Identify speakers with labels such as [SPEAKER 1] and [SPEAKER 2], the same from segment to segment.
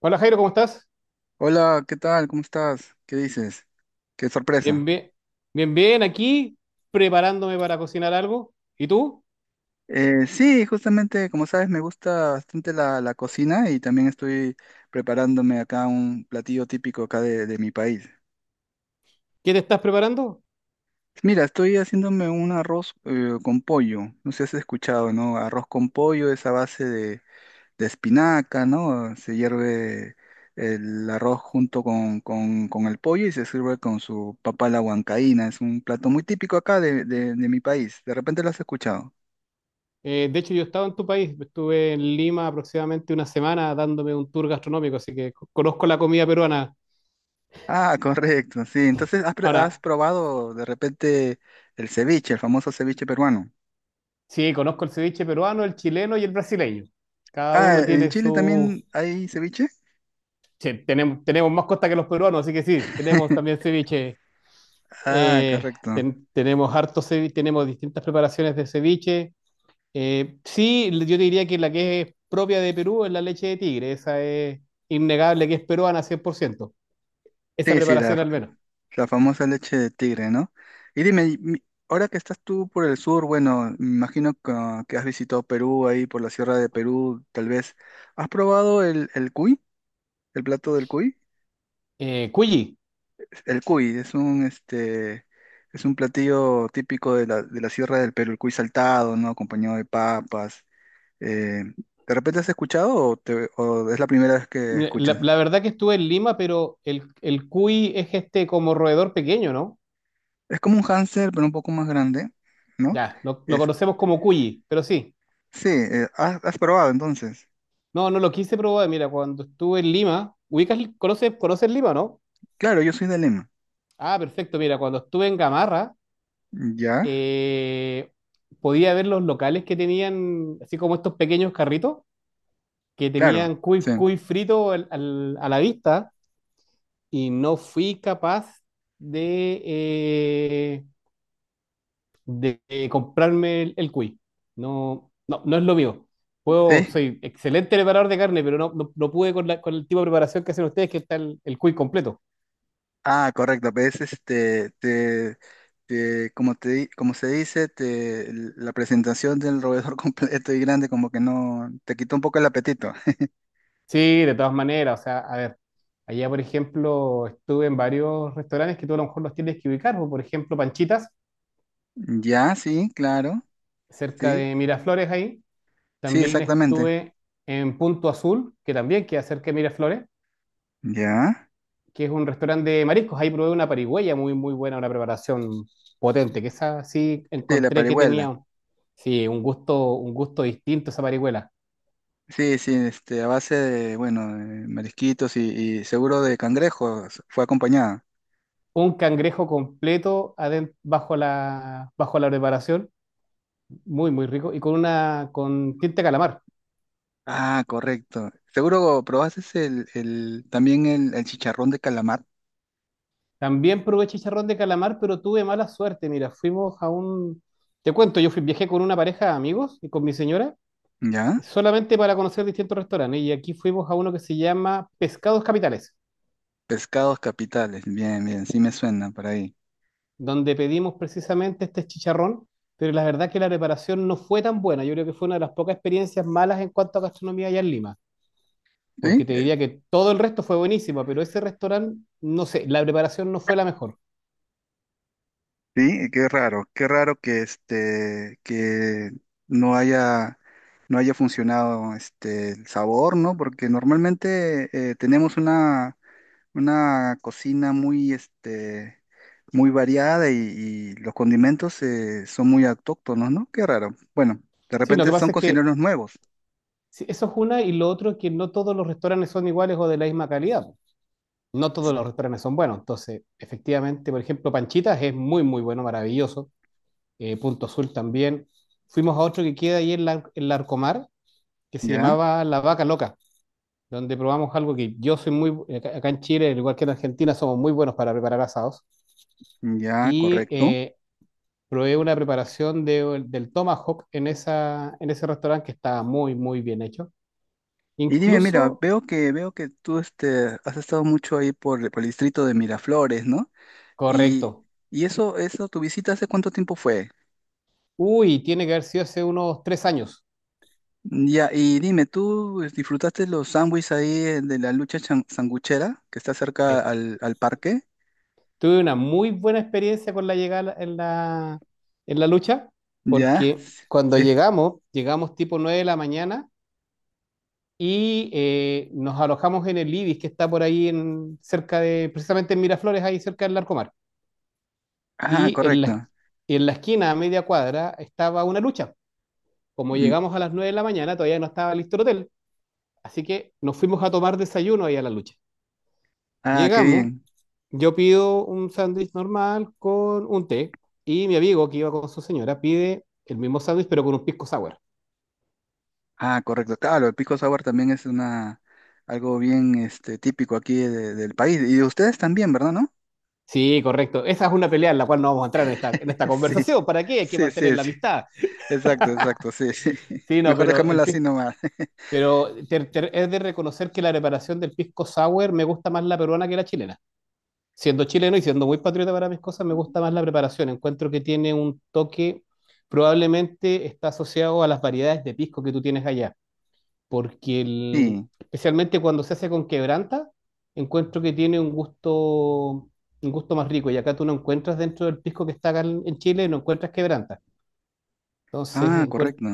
[SPEAKER 1] Hola Jairo, ¿cómo estás?
[SPEAKER 2] Hola, ¿qué tal? ¿Cómo estás? ¿Qué dices? Qué
[SPEAKER 1] Bien,
[SPEAKER 2] sorpresa.
[SPEAKER 1] bien, bien, bien, aquí preparándome para cocinar algo. ¿Y tú?
[SPEAKER 2] Sí, justamente, como sabes, me gusta bastante la cocina y también estoy preparándome acá un platillo típico acá de mi país.
[SPEAKER 1] ¿Qué te estás preparando?
[SPEAKER 2] Mira, estoy haciéndome un arroz con pollo. No sé si has escuchado, ¿no? Arroz con pollo es a base de espinaca, ¿no? Se hierve el arroz junto con el pollo y se sirve con su papa a la huancaína. Es un plato muy típico acá de, de mi país. ¿De repente lo has escuchado?
[SPEAKER 1] De hecho, yo estaba en tu país, estuve en Lima aproximadamente una semana dándome un tour gastronómico, así que conozco la comida peruana.
[SPEAKER 2] Ah, correcto, sí. Entonces, ¿ has
[SPEAKER 1] Ahora,
[SPEAKER 2] probado de repente el ceviche, el famoso ceviche peruano?
[SPEAKER 1] sí, conozco el ceviche peruano, el chileno y el brasileño. Cada
[SPEAKER 2] Ah,
[SPEAKER 1] uno
[SPEAKER 2] ¿en
[SPEAKER 1] tiene
[SPEAKER 2] Chile
[SPEAKER 1] su...
[SPEAKER 2] también hay ceviche?
[SPEAKER 1] Che, tenemos más costa que los peruanos, así que sí, tenemos también ceviche.
[SPEAKER 2] Ah,
[SPEAKER 1] Eh,
[SPEAKER 2] correcto.
[SPEAKER 1] Tenemos harto ceviche, tenemos distintas preparaciones de ceviche. Sí, yo te diría que la que es propia de Perú es la leche de tigre, esa es innegable que es peruana 100%, esa
[SPEAKER 2] Sí, sí,
[SPEAKER 1] preparación al menos.
[SPEAKER 2] la famosa leche de tigre, ¿no? Y dime, ahora que estás tú por el sur, bueno, me imagino que has visitado Perú, ahí por la Sierra de Perú, tal vez. ¿Has probado el cuy, el plato del cuy?
[SPEAKER 1] Cuyi,
[SPEAKER 2] El cuy es un es un platillo típico de la Sierra del Perú, el cuy saltado, ¿no? Acompañado de papas. eh, de repente has escuchado o, o es la primera vez que
[SPEAKER 1] mira, la,
[SPEAKER 2] escuchas?
[SPEAKER 1] la verdad que estuve en Lima, pero el cuy es este como roedor pequeño, ¿no?
[SPEAKER 2] Es como un hámster, pero un poco más grande, ¿no?
[SPEAKER 1] Ya, lo
[SPEAKER 2] Es,
[SPEAKER 1] conocemos como cuyi, pero sí,
[SPEAKER 2] sí, has, has probado entonces.
[SPEAKER 1] no, no lo quise probar, mira, cuando estuve en Lima, ubicas, conoces Lima, ¿no?
[SPEAKER 2] Claro, yo soy de Lima.
[SPEAKER 1] Ah, perfecto, mira, cuando estuve en Gamarra,
[SPEAKER 2] ¿Ya?
[SPEAKER 1] eh, podía ver los locales que tenían, así como estos pequeños carritos que
[SPEAKER 2] Claro,
[SPEAKER 1] tenían cuy,
[SPEAKER 2] sí.
[SPEAKER 1] cuy frito a la vista y no fui capaz de, eh, de comprarme el cuy. No, no, no es lo mío. Puedo,
[SPEAKER 2] Sí.
[SPEAKER 1] soy excelente preparador de carne, pero no, no, no pude con, con el tipo de preparación que hacen ustedes, que está el cuy completo.
[SPEAKER 2] Ah, correcto, pues como se dice, te, la presentación del roedor completo y grande como que no, te quitó un poco el apetito.
[SPEAKER 1] Sí, de todas maneras, o sea, a ver, allá por ejemplo estuve en varios restaurantes que tú a lo mejor los tienes que ubicar, o por ejemplo Panchitas,
[SPEAKER 2] Ya, sí, claro,
[SPEAKER 1] cerca
[SPEAKER 2] sí,
[SPEAKER 1] de Miraflores ahí.
[SPEAKER 2] sí,
[SPEAKER 1] También
[SPEAKER 2] exactamente.
[SPEAKER 1] estuve en Punto Azul, que también queda cerca de Miraflores,
[SPEAKER 2] Ya,
[SPEAKER 1] que es un restaurante de mariscos. Ahí probé una parigüeya muy, muy buena, una preparación potente, que esa sí
[SPEAKER 2] sí, la
[SPEAKER 1] encontré que
[SPEAKER 2] parihuela.
[SPEAKER 1] tenía, sí, un gusto distinto esa parihuela.
[SPEAKER 2] Sí, sí, a base de, bueno, de marisquitos y seguro de cangrejos fue acompañada.
[SPEAKER 1] Un cangrejo completo bajo la preparación, muy, muy rico, y con una, con tinta de calamar.
[SPEAKER 2] Ah, correcto. Seguro probaste también el chicharrón de calamar,
[SPEAKER 1] También probé chicharrón de calamar, pero tuve mala suerte. Mira, fuimos a un, te cuento, yo fui, viajé con una pareja de amigos y con mi señora
[SPEAKER 2] ¿ya?
[SPEAKER 1] solamente para conocer distintos restaurantes. Y aquí fuimos a uno que se llama Pescados Capitales,
[SPEAKER 2] Pescados capitales, bien, bien, sí me suena por ahí.
[SPEAKER 1] donde pedimos precisamente este chicharrón, pero la verdad que la preparación no fue tan buena. Yo creo que fue una de las pocas experiencias malas en cuanto a gastronomía allá en Lima,
[SPEAKER 2] Sí,
[SPEAKER 1] porque te diría que todo el resto fue buenísimo, pero ese restaurante, no sé, la preparación no fue la mejor.
[SPEAKER 2] sí, qué raro que no haya, no haya funcionado el sabor, ¿no? Porque normalmente tenemos una cocina muy, muy variada y los condimentos son muy autóctonos, ¿no? Qué raro. Bueno, de
[SPEAKER 1] Sí, lo
[SPEAKER 2] repente
[SPEAKER 1] que
[SPEAKER 2] son
[SPEAKER 1] pasa es que
[SPEAKER 2] cocineros nuevos.
[SPEAKER 1] sí, eso es una y lo otro es que no todos los restaurantes son iguales o de la misma calidad. No todos los restaurantes son buenos. Entonces, efectivamente, por ejemplo, Panchitas es muy, muy bueno, maravilloso. Punto Azul también. Fuimos a otro que queda ahí en la Arcomar, que se
[SPEAKER 2] ¿Ya?
[SPEAKER 1] llamaba La Vaca Loca, donde probamos algo que yo soy muy, acá en Chile, al igual que en Argentina, somos muy buenos para preparar asados.
[SPEAKER 2] Ya,
[SPEAKER 1] Y
[SPEAKER 2] correcto.
[SPEAKER 1] eh, probé una preparación de, del tomahawk en, esa, en ese restaurante que estaba muy, muy bien hecho.
[SPEAKER 2] Y dime, mira,
[SPEAKER 1] Incluso,
[SPEAKER 2] veo que tú has estado mucho ahí por el distrito de Miraflores, ¿no? Y,
[SPEAKER 1] correcto.
[SPEAKER 2] eso, ¿tu visita hace cuánto tiempo fue?
[SPEAKER 1] Uy, tiene que haber sido hace unos 3 años.
[SPEAKER 2] Ya, y dime, ¿tú disfrutaste los sándwiches ahí de la lucha sanguchera que está
[SPEAKER 1] Eh,
[SPEAKER 2] cerca al parque?
[SPEAKER 1] tuve una muy buena experiencia con la llegada en la lucha,
[SPEAKER 2] ¿Ya?
[SPEAKER 1] porque cuando
[SPEAKER 2] Sí.
[SPEAKER 1] llegamos, llegamos tipo 9 de la mañana y nos alojamos en el Ibis, que está por ahí en, cerca de, precisamente en Miraflores, ahí cerca del Larcomar.
[SPEAKER 2] Ah,
[SPEAKER 1] Y en la,
[SPEAKER 2] correcto.
[SPEAKER 1] en la esquina, a media cuadra, estaba una lucha. Como
[SPEAKER 2] Mm,
[SPEAKER 1] llegamos a las 9 de la mañana, todavía no estaba listo el hotel, así que nos fuimos a tomar desayuno ahí a la lucha.
[SPEAKER 2] Ah, qué
[SPEAKER 1] Llegamos.
[SPEAKER 2] bien.
[SPEAKER 1] Yo pido un sándwich normal con un té y mi amigo que iba con su señora pide el mismo sándwich pero con un pisco sour.
[SPEAKER 2] Ah, correcto. Claro, el pico sour también es una algo bien típico aquí del país. Y de ustedes también, ¿verdad, no?
[SPEAKER 1] Sí, correcto. Esa es una pelea en la cual no vamos a entrar en esta
[SPEAKER 2] Sí.
[SPEAKER 1] conversación. ¿Para qué? Hay que
[SPEAKER 2] Sí,
[SPEAKER 1] mantener
[SPEAKER 2] sí,
[SPEAKER 1] la
[SPEAKER 2] sí.
[SPEAKER 1] amistad.
[SPEAKER 2] Exacto, exacto, sí, sí.
[SPEAKER 1] Sí, no,
[SPEAKER 2] Mejor
[SPEAKER 1] pero,
[SPEAKER 2] dejémoslo así nomás.
[SPEAKER 1] pero es de reconocer que la preparación del pisco sour me gusta más la peruana que la chilena. Siendo chileno y siendo muy patriota para mis cosas, me gusta más la preparación. Encuentro que tiene un toque, probablemente está asociado a las variedades de pisco que tú tienes allá, porque
[SPEAKER 2] Sí.
[SPEAKER 1] especialmente cuando se hace con quebranta, encuentro que tiene un gusto más rico. Y acá tú no encuentras dentro del pisco que está acá en Chile, no encuentras quebranta. Entonces
[SPEAKER 2] Ah, correcto.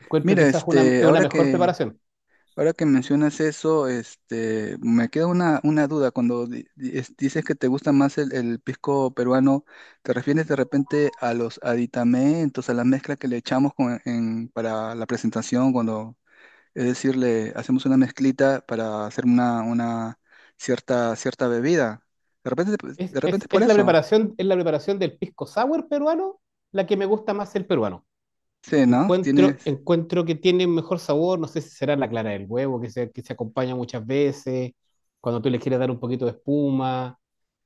[SPEAKER 1] encuentro que
[SPEAKER 2] Mira,
[SPEAKER 1] esa es una mejor preparación.
[SPEAKER 2] ahora que mencionas eso, me queda una duda. Cuando dices que te gusta más el pisco peruano, ¿te refieres de repente a los aditamentos, a la mezcla que le echamos para la presentación, cuando, es decir, le hacemos una mezclita para hacer una cierta, cierta bebida? De repente,
[SPEAKER 1] Es,
[SPEAKER 2] de repente
[SPEAKER 1] es-
[SPEAKER 2] es por
[SPEAKER 1] es la
[SPEAKER 2] eso.
[SPEAKER 1] preparación, es la preparación del pisco sour peruano la que me gusta más el peruano.
[SPEAKER 2] Sí, ¿no?
[SPEAKER 1] Encuentro,
[SPEAKER 2] Tienes.
[SPEAKER 1] encuentro que tiene un mejor sabor, no sé si será la clara del huevo que se acompaña muchas veces, cuando tú le quieres dar un poquito de espuma.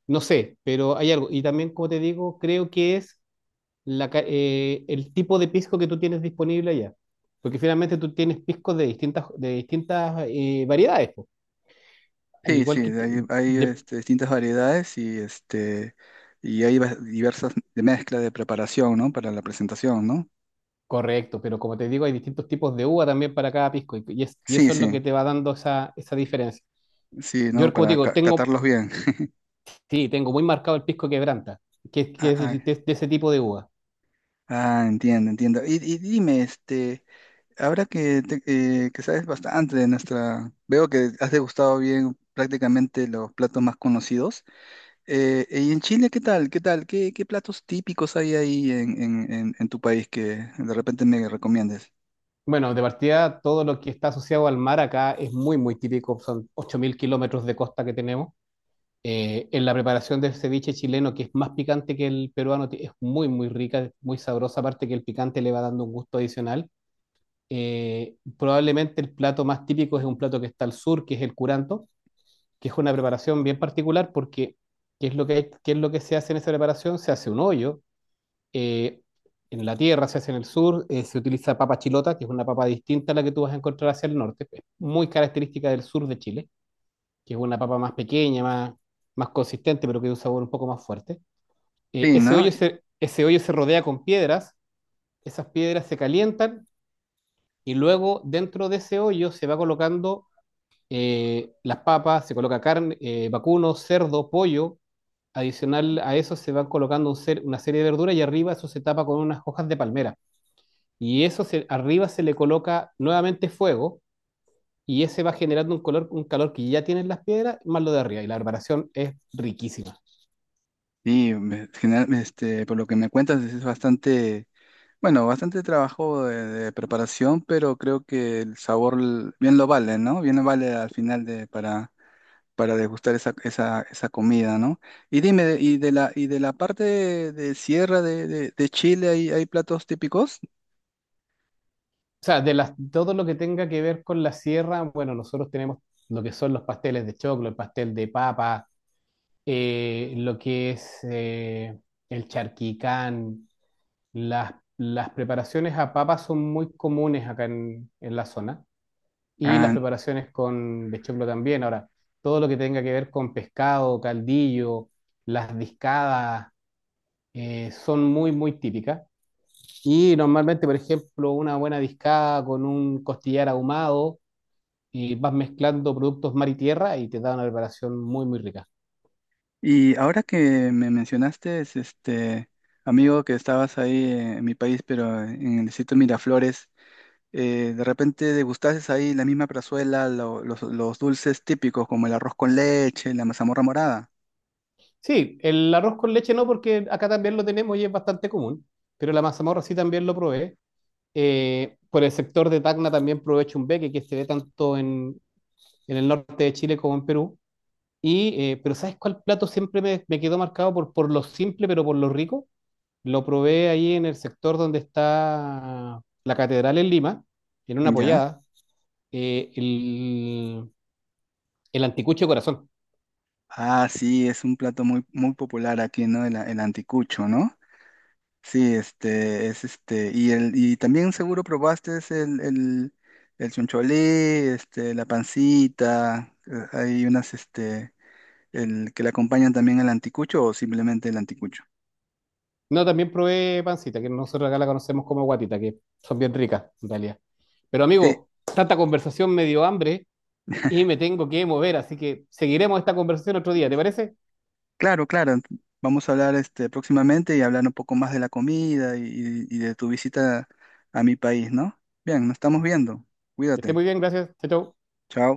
[SPEAKER 1] No sé, pero hay algo. Y también, como te digo, creo que es el tipo de pisco que tú tienes disponible allá. Porque finalmente tú tienes piscos de distintas variedades, po. Al
[SPEAKER 2] Sí, sí,
[SPEAKER 1] igual que... ti- de-
[SPEAKER 2] distintas variedades y, diversas de mezcla de preparación, ¿no? Para la presentación, ¿no?
[SPEAKER 1] correcto, pero como te digo, hay distintos tipos de uva también para cada pisco. Y
[SPEAKER 2] Sí,
[SPEAKER 1] eso es lo que
[SPEAKER 2] sí,
[SPEAKER 1] te va dando esa, esa diferencia.
[SPEAKER 2] sí, ¿no?
[SPEAKER 1] Yo, como te
[SPEAKER 2] Para
[SPEAKER 1] digo, tengo,
[SPEAKER 2] catarlos bien.
[SPEAKER 1] sí, tengo muy marcado el pisco quebranta, que,
[SPEAKER 2] Ah,
[SPEAKER 1] que es
[SPEAKER 2] ah,
[SPEAKER 1] de ese tipo de uva.
[SPEAKER 2] ah, entiendo, entiendo. Y dime, ahora que, te- que sabes bastante de nuestra, veo que has degustado bien prácticamente los platos más conocidos. ¿Y en Chile qué tal? ¿Qué tal? ¿Qué, qué platos típicos hay ahí en tu país que de repente me recomiendes?
[SPEAKER 1] Bueno, de partida, todo lo que está asociado al mar acá es muy, muy típico. Son 8.000 kilómetros de costa que tenemos. En la preparación del ceviche chileno, que es más picante que el peruano, es muy, muy rica, es muy sabrosa, aparte que el picante le va dando un gusto adicional. Probablemente el plato más típico es un plato que está al sur, que es el curanto, que es una preparación bien particular porque ¿qué es lo que, qué es lo que se hace en esa preparación? Se hace un hoyo eh, en la tierra, se hace en el sur, se utiliza papa chilota, que es una papa distinta a la que tú vas a encontrar hacia el norte, es muy característica del sur de Chile, que es una papa más pequeña, más, más consistente, pero que de un sabor un poco más fuerte.
[SPEAKER 2] Sí,
[SPEAKER 1] Ese,
[SPEAKER 2] ¿no?
[SPEAKER 1] ese hoyo se rodea con piedras, esas piedras se calientan y luego dentro de ese hoyo se va colocando las papas, se coloca carne, vacuno, cerdo, pollo. Adicional a eso se van colocando una serie de verduras y arriba eso se tapa con unas hojas de palmera, y arriba se le coloca nuevamente fuego y ese va generando un color, un calor que ya tienen las piedras, más lo de arriba. Y la preparación es riquísima.
[SPEAKER 2] Sí, por lo que me cuentas es bastante, bueno, bastante trabajo de preparación, pero creo que el sabor bien lo vale, ¿no? Bien lo vale al final de, para degustar esa, esa, esa comida, ¿no? Y dime, y de la parte de sierra de Chile, ¿hay, hay platos típicos?
[SPEAKER 1] O sea, todo lo que tenga que ver con la sierra, bueno, nosotros tenemos lo que son los pasteles de choclo, el pastel de papa, lo que es el charquicán, las preparaciones a papa son muy comunes acá en la zona, y las
[SPEAKER 2] Ah,
[SPEAKER 1] preparaciones con de choclo también. Ahora, todo lo que tenga que ver con pescado, caldillo, las discadas, son muy, muy típicas. Y normalmente, por ejemplo, una buena discada con un costillar ahumado y vas mezclando productos mar y tierra y te da una preparación muy, muy rica.
[SPEAKER 2] y ahora que me mencionaste, amigo, que estabas ahí en mi país, pero en el distrito Miraflores. De repente degustases ahí la misma plazuela, los dulces típicos como el arroz con leche, la mazamorra morada.
[SPEAKER 1] Sí, el arroz con leche no, porque acá también lo tenemos y es bastante común, pero la mazamorra sí también lo probé. Por el sector de Tacna también provee beque que se ve tanto en el norte de Chile como en Perú. Y pero ¿sabes cuál plato siempre me, me quedó marcado por lo simple, pero por lo rico? Lo probé ahí en el sector donde está la catedral en Lima, en una
[SPEAKER 2] ¿Ya?
[SPEAKER 1] pollada, eh, el, el anticucho de corazón.
[SPEAKER 2] Ah, sí, es un plato muy, muy popular aquí, ¿no? El anticucho, ¿no? Sí, y el, y también seguro probaste el choncholí, la pancita, hay unas, el que le acompañan también al anticucho o simplemente el anticucho.
[SPEAKER 1] No, también probé pancita, que nosotros acá la conocemos como guatita, que son bien ricas en realidad. Pero
[SPEAKER 2] Sí.
[SPEAKER 1] amigo, tanta conversación me dio hambre y me tengo que mover, así que seguiremos esta conversación otro día, ¿te parece?
[SPEAKER 2] Claro, claro. Vamos a hablar próximamente y hablar un poco más de la comida y, de tu visita a mi país, ¿no? Bien, nos estamos viendo.
[SPEAKER 1] Que esté
[SPEAKER 2] Cuídate.
[SPEAKER 1] muy bien, gracias. Chao, chao.
[SPEAKER 2] Chao.